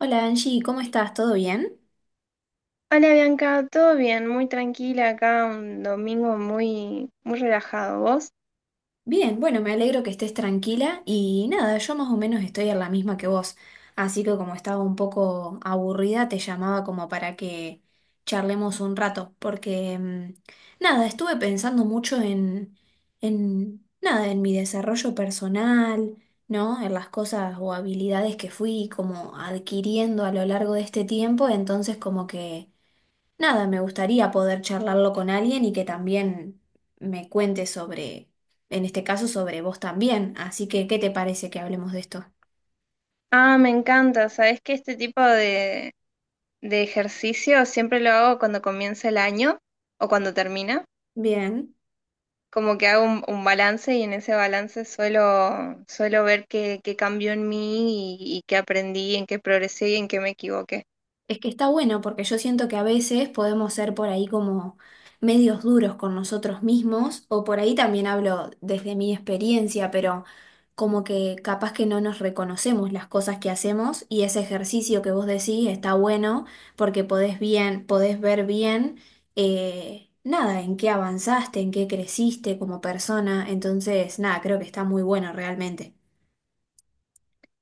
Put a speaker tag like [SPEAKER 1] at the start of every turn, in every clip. [SPEAKER 1] Hola Angie, ¿cómo estás? ¿Todo bien?
[SPEAKER 2] Hola Bianca, todo bien, muy tranquila acá, un domingo muy, muy relajado. ¿Vos?
[SPEAKER 1] Bien, bueno, me alegro que estés tranquila y nada, yo más o menos estoy en la misma que vos, así que como estaba un poco aburrida, te llamaba como para que charlemos un rato, porque nada, estuve pensando mucho en nada, en mi desarrollo personal, ¿no? En las cosas o habilidades que fui como adquiriendo a lo largo de este tiempo, entonces como que... Nada, me gustaría poder charlarlo con alguien y que también me cuente sobre, en este caso, sobre vos también. Así que, ¿qué te parece que hablemos de esto?
[SPEAKER 2] Ah, me encanta, sabés que este tipo de ejercicio siempre lo hago cuando comienza el año o cuando termina,
[SPEAKER 1] Bien.
[SPEAKER 2] como que hago un balance y en ese balance suelo ver qué, qué cambió en mí y qué aprendí, en qué progresé y en qué me equivoqué.
[SPEAKER 1] Es que está bueno porque yo siento que a veces podemos ser por ahí como medios duros con nosotros mismos, o por ahí también hablo desde mi experiencia, pero como que capaz que no nos reconocemos las cosas que hacemos y ese ejercicio que vos decís está bueno porque podés bien, podés ver bien, nada, en qué avanzaste, en qué creciste como persona, entonces nada, creo que está muy bueno realmente.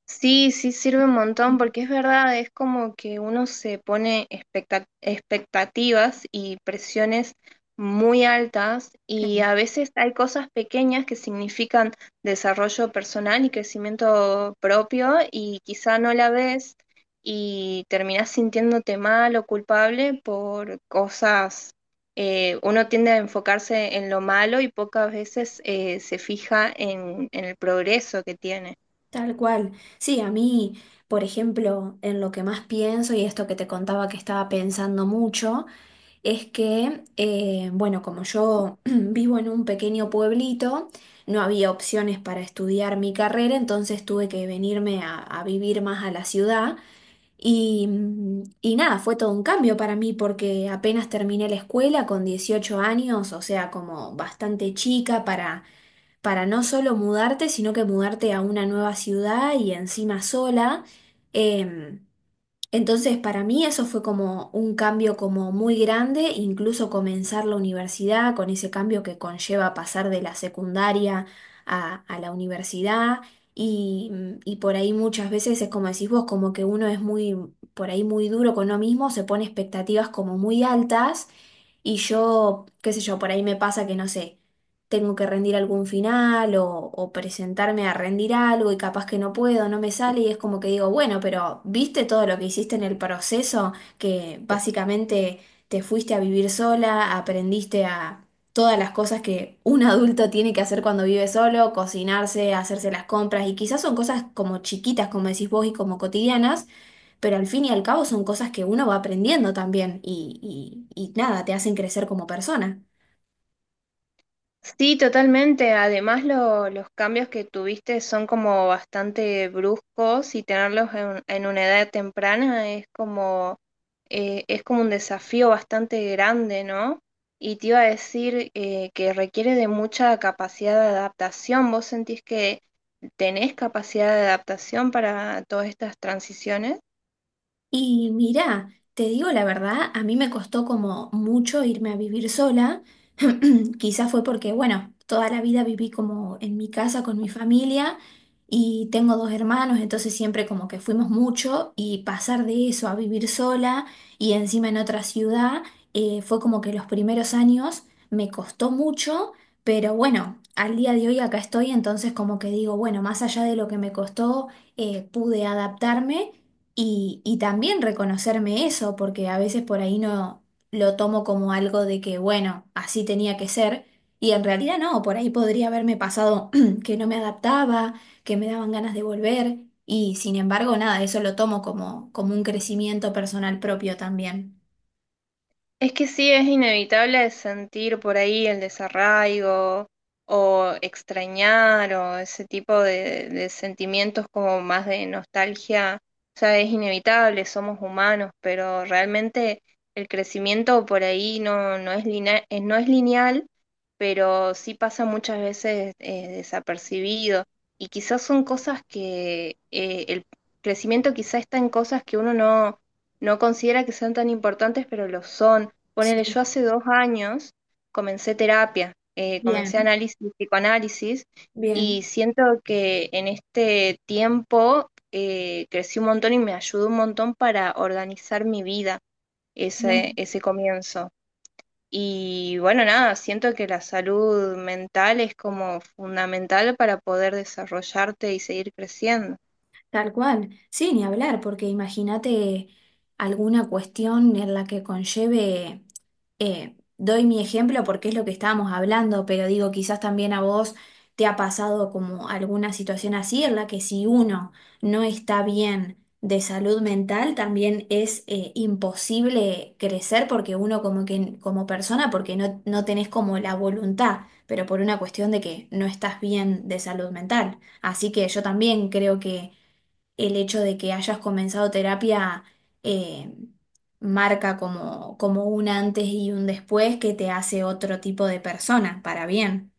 [SPEAKER 2] Sí, sí sirve un montón porque es verdad, es como que uno se pone expectativas y presiones muy altas y
[SPEAKER 1] Sí.
[SPEAKER 2] a veces hay cosas pequeñas que significan desarrollo personal y crecimiento propio y quizá no la ves y terminás sintiéndote mal o culpable por cosas, uno tiende a enfocarse en lo malo y pocas veces se fija en el progreso que tiene.
[SPEAKER 1] Tal cual. Sí, a mí, por ejemplo, en lo que más pienso y esto que te contaba que estaba pensando mucho, es que, bueno, como yo vivo en un pequeño pueblito, no había opciones para estudiar mi carrera, entonces tuve que venirme a vivir más a la ciudad. Y nada, fue todo un cambio para mí porque apenas terminé la escuela con 18 años, o sea, como bastante chica para no solo mudarte, sino que mudarte a una nueva ciudad y encima sola. Em, entonces, para mí eso fue como un cambio como muy grande, incluso comenzar la universidad con ese cambio que conlleva pasar de la secundaria a la universidad. Y, y por ahí muchas veces es como decís vos, como que uno es muy, por ahí muy duro con uno mismo, se pone expectativas como muy altas y yo, qué sé yo, por ahí me pasa que no sé, tengo que rendir algún final o presentarme a rendir algo y capaz que no puedo, no me sale y es como que digo, bueno, pero ¿viste todo lo que hiciste en el proceso? Que básicamente te fuiste a vivir sola, aprendiste a todas las cosas que un adulto tiene que hacer cuando vive solo, cocinarse, hacerse las compras y quizás son cosas como chiquitas, como decís vos, y como cotidianas pero al fin y al cabo son cosas que uno va aprendiendo también y nada, te hacen crecer como persona.
[SPEAKER 2] Sí, totalmente. Además, los cambios que tuviste son como bastante bruscos y tenerlos en una edad temprana es como un desafío bastante grande, ¿no? Y te iba a decir que requiere de mucha capacidad de adaptación. ¿Vos sentís que tenés capacidad de adaptación para todas estas transiciones?
[SPEAKER 1] Y mira, te digo la verdad, a mí me costó como mucho irme a vivir sola. Quizás fue porque, bueno, toda la vida viví como en mi casa con mi familia y tengo dos hermanos, entonces siempre como que fuimos mucho y pasar de eso a vivir sola y encima en otra ciudad, fue como que los primeros años me costó mucho, pero bueno, al día de hoy acá estoy, entonces como que digo, bueno, más allá de lo que me costó, pude adaptarme. Y también reconocerme eso, porque a veces por ahí no lo tomo como algo de que, bueno, así tenía que ser, y en realidad no, por ahí podría haberme pasado que no me adaptaba, que me daban ganas de volver, y sin embargo, nada, eso lo tomo como, como un crecimiento personal propio también.
[SPEAKER 2] Es que sí, es inevitable sentir por ahí el desarraigo o extrañar o ese tipo de sentimientos como más de nostalgia. O sea, es inevitable, somos humanos, pero realmente el crecimiento por ahí no, no es lineal, pero sí pasa muchas veces desapercibido. Y quizás son cosas que el crecimiento quizás está en cosas que uno no, no considera que sean tan importantes, pero lo son. Ponele,
[SPEAKER 1] Sí.
[SPEAKER 2] yo hace 2 años comencé terapia, comencé
[SPEAKER 1] Bien,
[SPEAKER 2] análisis, psicoanálisis, y
[SPEAKER 1] bien,
[SPEAKER 2] siento que en este tiempo crecí un montón y me ayudó un montón para organizar mi vida, ese,
[SPEAKER 1] bien.
[SPEAKER 2] ese comienzo. Y bueno, nada, siento que la salud mental es como fundamental para poder desarrollarte y seguir creciendo.
[SPEAKER 1] Tal cual. Sí, ni hablar, porque imagínate alguna cuestión en la que conlleve, doy mi ejemplo porque es lo que estábamos hablando, pero digo, quizás también a vos te ha pasado como alguna situación así en la que si uno no está bien de salud mental, también es imposible crecer porque uno como que como persona, porque no, no tenés como la voluntad, pero por una cuestión de que no estás bien de salud mental. Así que yo también creo que el hecho de que hayas comenzado terapia eh, marca como, como un antes y un después que te hace otro tipo de persona, para bien.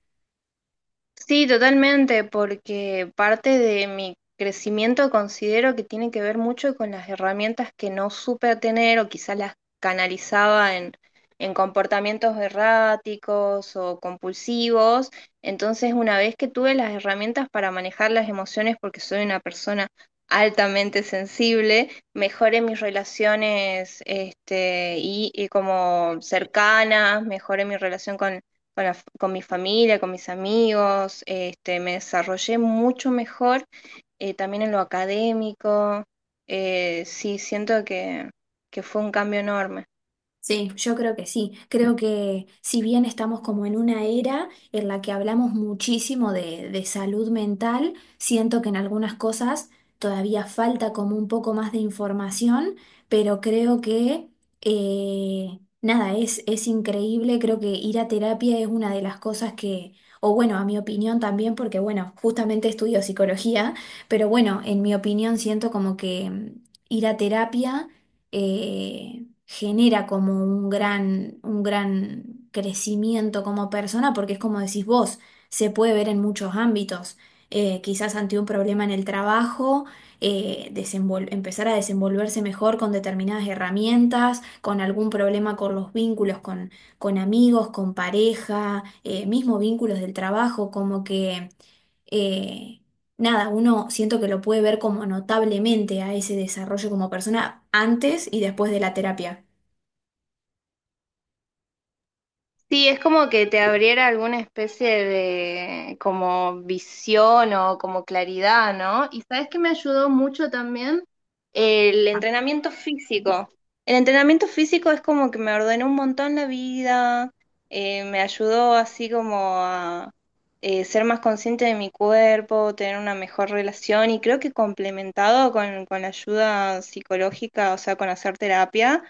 [SPEAKER 2] Sí, totalmente, porque parte de mi crecimiento considero que tiene que ver mucho con las herramientas que no supe tener o quizás las canalizaba en comportamientos erráticos o compulsivos. Entonces, una vez que tuve las herramientas para manejar las emociones, porque soy una persona altamente sensible, mejoré mis relaciones este, y como cercanas, mejoré mi relación con mi familia, con mis amigos, este, me desarrollé mucho mejor también en lo académico. Sí, siento que fue un cambio enorme.
[SPEAKER 1] Sí, yo creo que sí. Creo que si bien estamos como en una era en la que hablamos muchísimo de salud mental, siento que en algunas cosas todavía falta como un poco más de información, pero creo que nada, es increíble. Creo que ir a terapia es una de las cosas que, o bueno, a mi opinión también, porque bueno, justamente estudio psicología, pero bueno, en mi opinión siento como que ir a terapia... eh, genera como un gran crecimiento como persona, porque es como decís vos, se puede ver en muchos ámbitos. Quizás ante un problema en el trabajo, empezar a desenvolverse mejor con determinadas herramientas, con algún problema con los vínculos, con amigos, con pareja, mismo vínculos del trabajo, como que eh, nada, uno siento que lo puede ver como notablemente a ese desarrollo como persona antes y después de la terapia.
[SPEAKER 2] Sí, es como que te abriera alguna especie de como visión o como claridad, ¿no? Y sabes que me ayudó mucho también el entrenamiento físico. El entrenamiento físico es como que me ordenó un montón la vida, me ayudó así como a ser más consciente de mi cuerpo, tener una mejor relación y creo que complementado con la ayuda psicológica, o sea, con hacer terapia,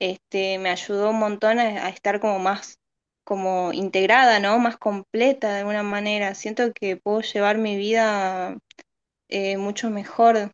[SPEAKER 2] este, me ayudó un montón a estar como más como integrada, ¿no? Más completa de alguna manera. Siento que puedo llevar mi vida mucho mejor.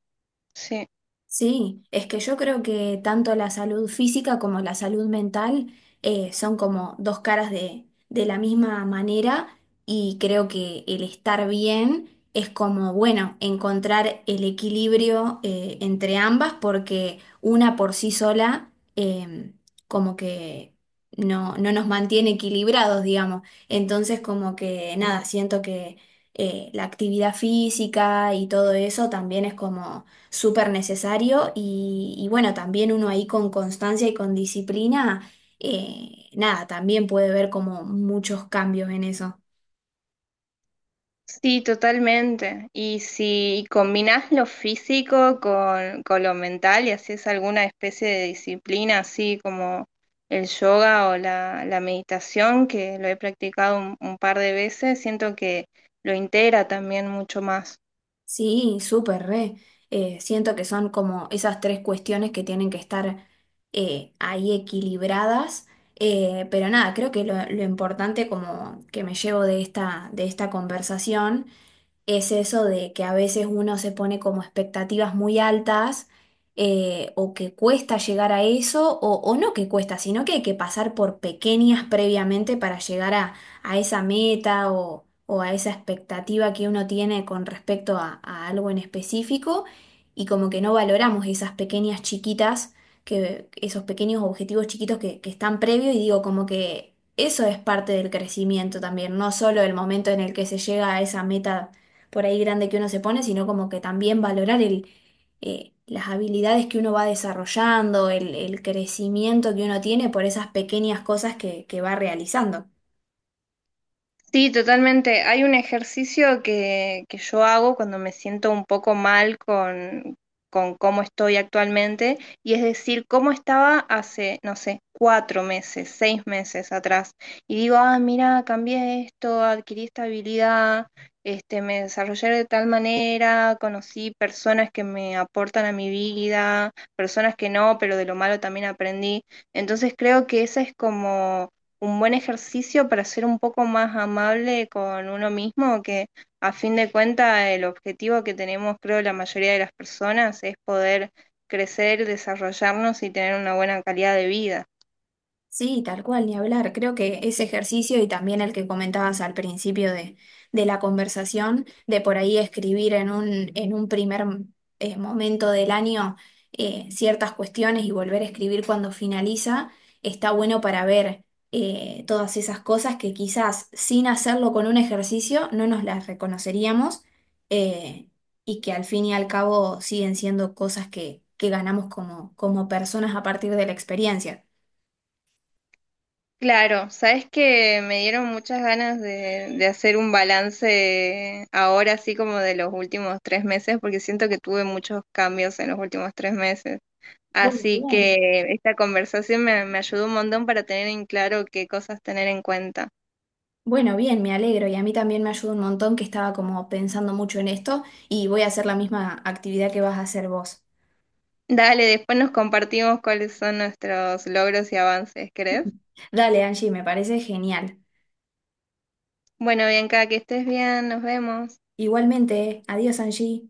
[SPEAKER 2] Sí.
[SPEAKER 1] Sí, es que yo creo que tanto la salud física como la salud mental son como dos caras de la misma manera y creo que el estar bien es como, bueno, encontrar el equilibrio entre ambas porque una por sí sola como que no, no nos mantiene equilibrados, digamos. Entonces como que nada, siento que la actividad física y todo eso también es como súper necesario y bueno, también uno ahí con constancia y con disciplina, nada, también puede ver como muchos cambios en eso.
[SPEAKER 2] Sí, totalmente. Y si combinás lo físico con lo mental y haces alguna especie de disciplina, así como el yoga o la meditación, que lo he practicado un par de veces, siento que lo integra también mucho más.
[SPEAKER 1] Sí, súper re. Siento que son como esas tres cuestiones que tienen que estar ahí equilibradas. Pero nada, creo que lo importante como que me llevo de esta conversación es eso de que a veces uno se pone como expectativas muy altas o que cuesta llegar a eso o no que cuesta, sino que hay que pasar por pequeñas previamente para llegar a esa meta o a esa expectativa que uno tiene con respecto a algo en específico y como que no valoramos esas pequeñas chiquitas. Que esos pequeños objetivos chiquitos que están previos y digo como que eso es parte del crecimiento también, no solo el momento en el que se llega a esa meta por ahí grande que uno se pone, sino como que también valorar el, las habilidades que uno va desarrollando, el crecimiento que uno tiene por esas pequeñas cosas que va realizando.
[SPEAKER 2] Sí, totalmente. Hay un ejercicio que yo hago cuando me siento un poco mal con cómo estoy actualmente, y es decir, cómo estaba hace, no sé, 4 meses, 6 meses atrás. Y digo, ah, mira, cambié esto, adquirí esta habilidad, este, me desarrollé de tal manera, conocí personas que me aportan a mi vida, personas que no, pero de lo malo también aprendí. Entonces creo que esa es como un buen ejercicio para ser un poco más amable con uno mismo, que a fin de cuentas el objetivo que tenemos, creo, la mayoría de las personas es poder crecer, desarrollarnos y tener una buena calidad de vida.
[SPEAKER 1] Sí, tal cual, ni hablar. Creo que ese ejercicio y también el que comentabas al principio de la conversación, de por ahí escribir en un primer momento del año ciertas cuestiones y volver a escribir cuando finaliza, está bueno para ver todas esas cosas que quizás sin hacerlo con un ejercicio no nos las reconoceríamos eh, y que al fin y al cabo siguen siendo cosas que ganamos como, como personas a partir de la experiencia.
[SPEAKER 2] Claro, sabes que me dieron muchas ganas de hacer un balance ahora, así como de los últimos 3 meses, porque siento que tuve muchos cambios en los últimos 3 meses.
[SPEAKER 1] Bueno,
[SPEAKER 2] Así
[SPEAKER 1] bien.
[SPEAKER 2] que esta conversación me, me ayudó un montón para tener en claro qué cosas tener en cuenta.
[SPEAKER 1] Bueno, bien, me alegro y a mí también me ayuda un montón que estaba como pensando mucho en esto y voy a hacer la misma actividad que vas a hacer vos.
[SPEAKER 2] Dale, después nos compartimos cuáles son nuestros logros y avances, ¿crees?
[SPEAKER 1] Dale, Angie, me parece genial.
[SPEAKER 2] Bueno, Bianca, que estés bien, nos vemos.
[SPEAKER 1] Igualmente, adiós, Angie.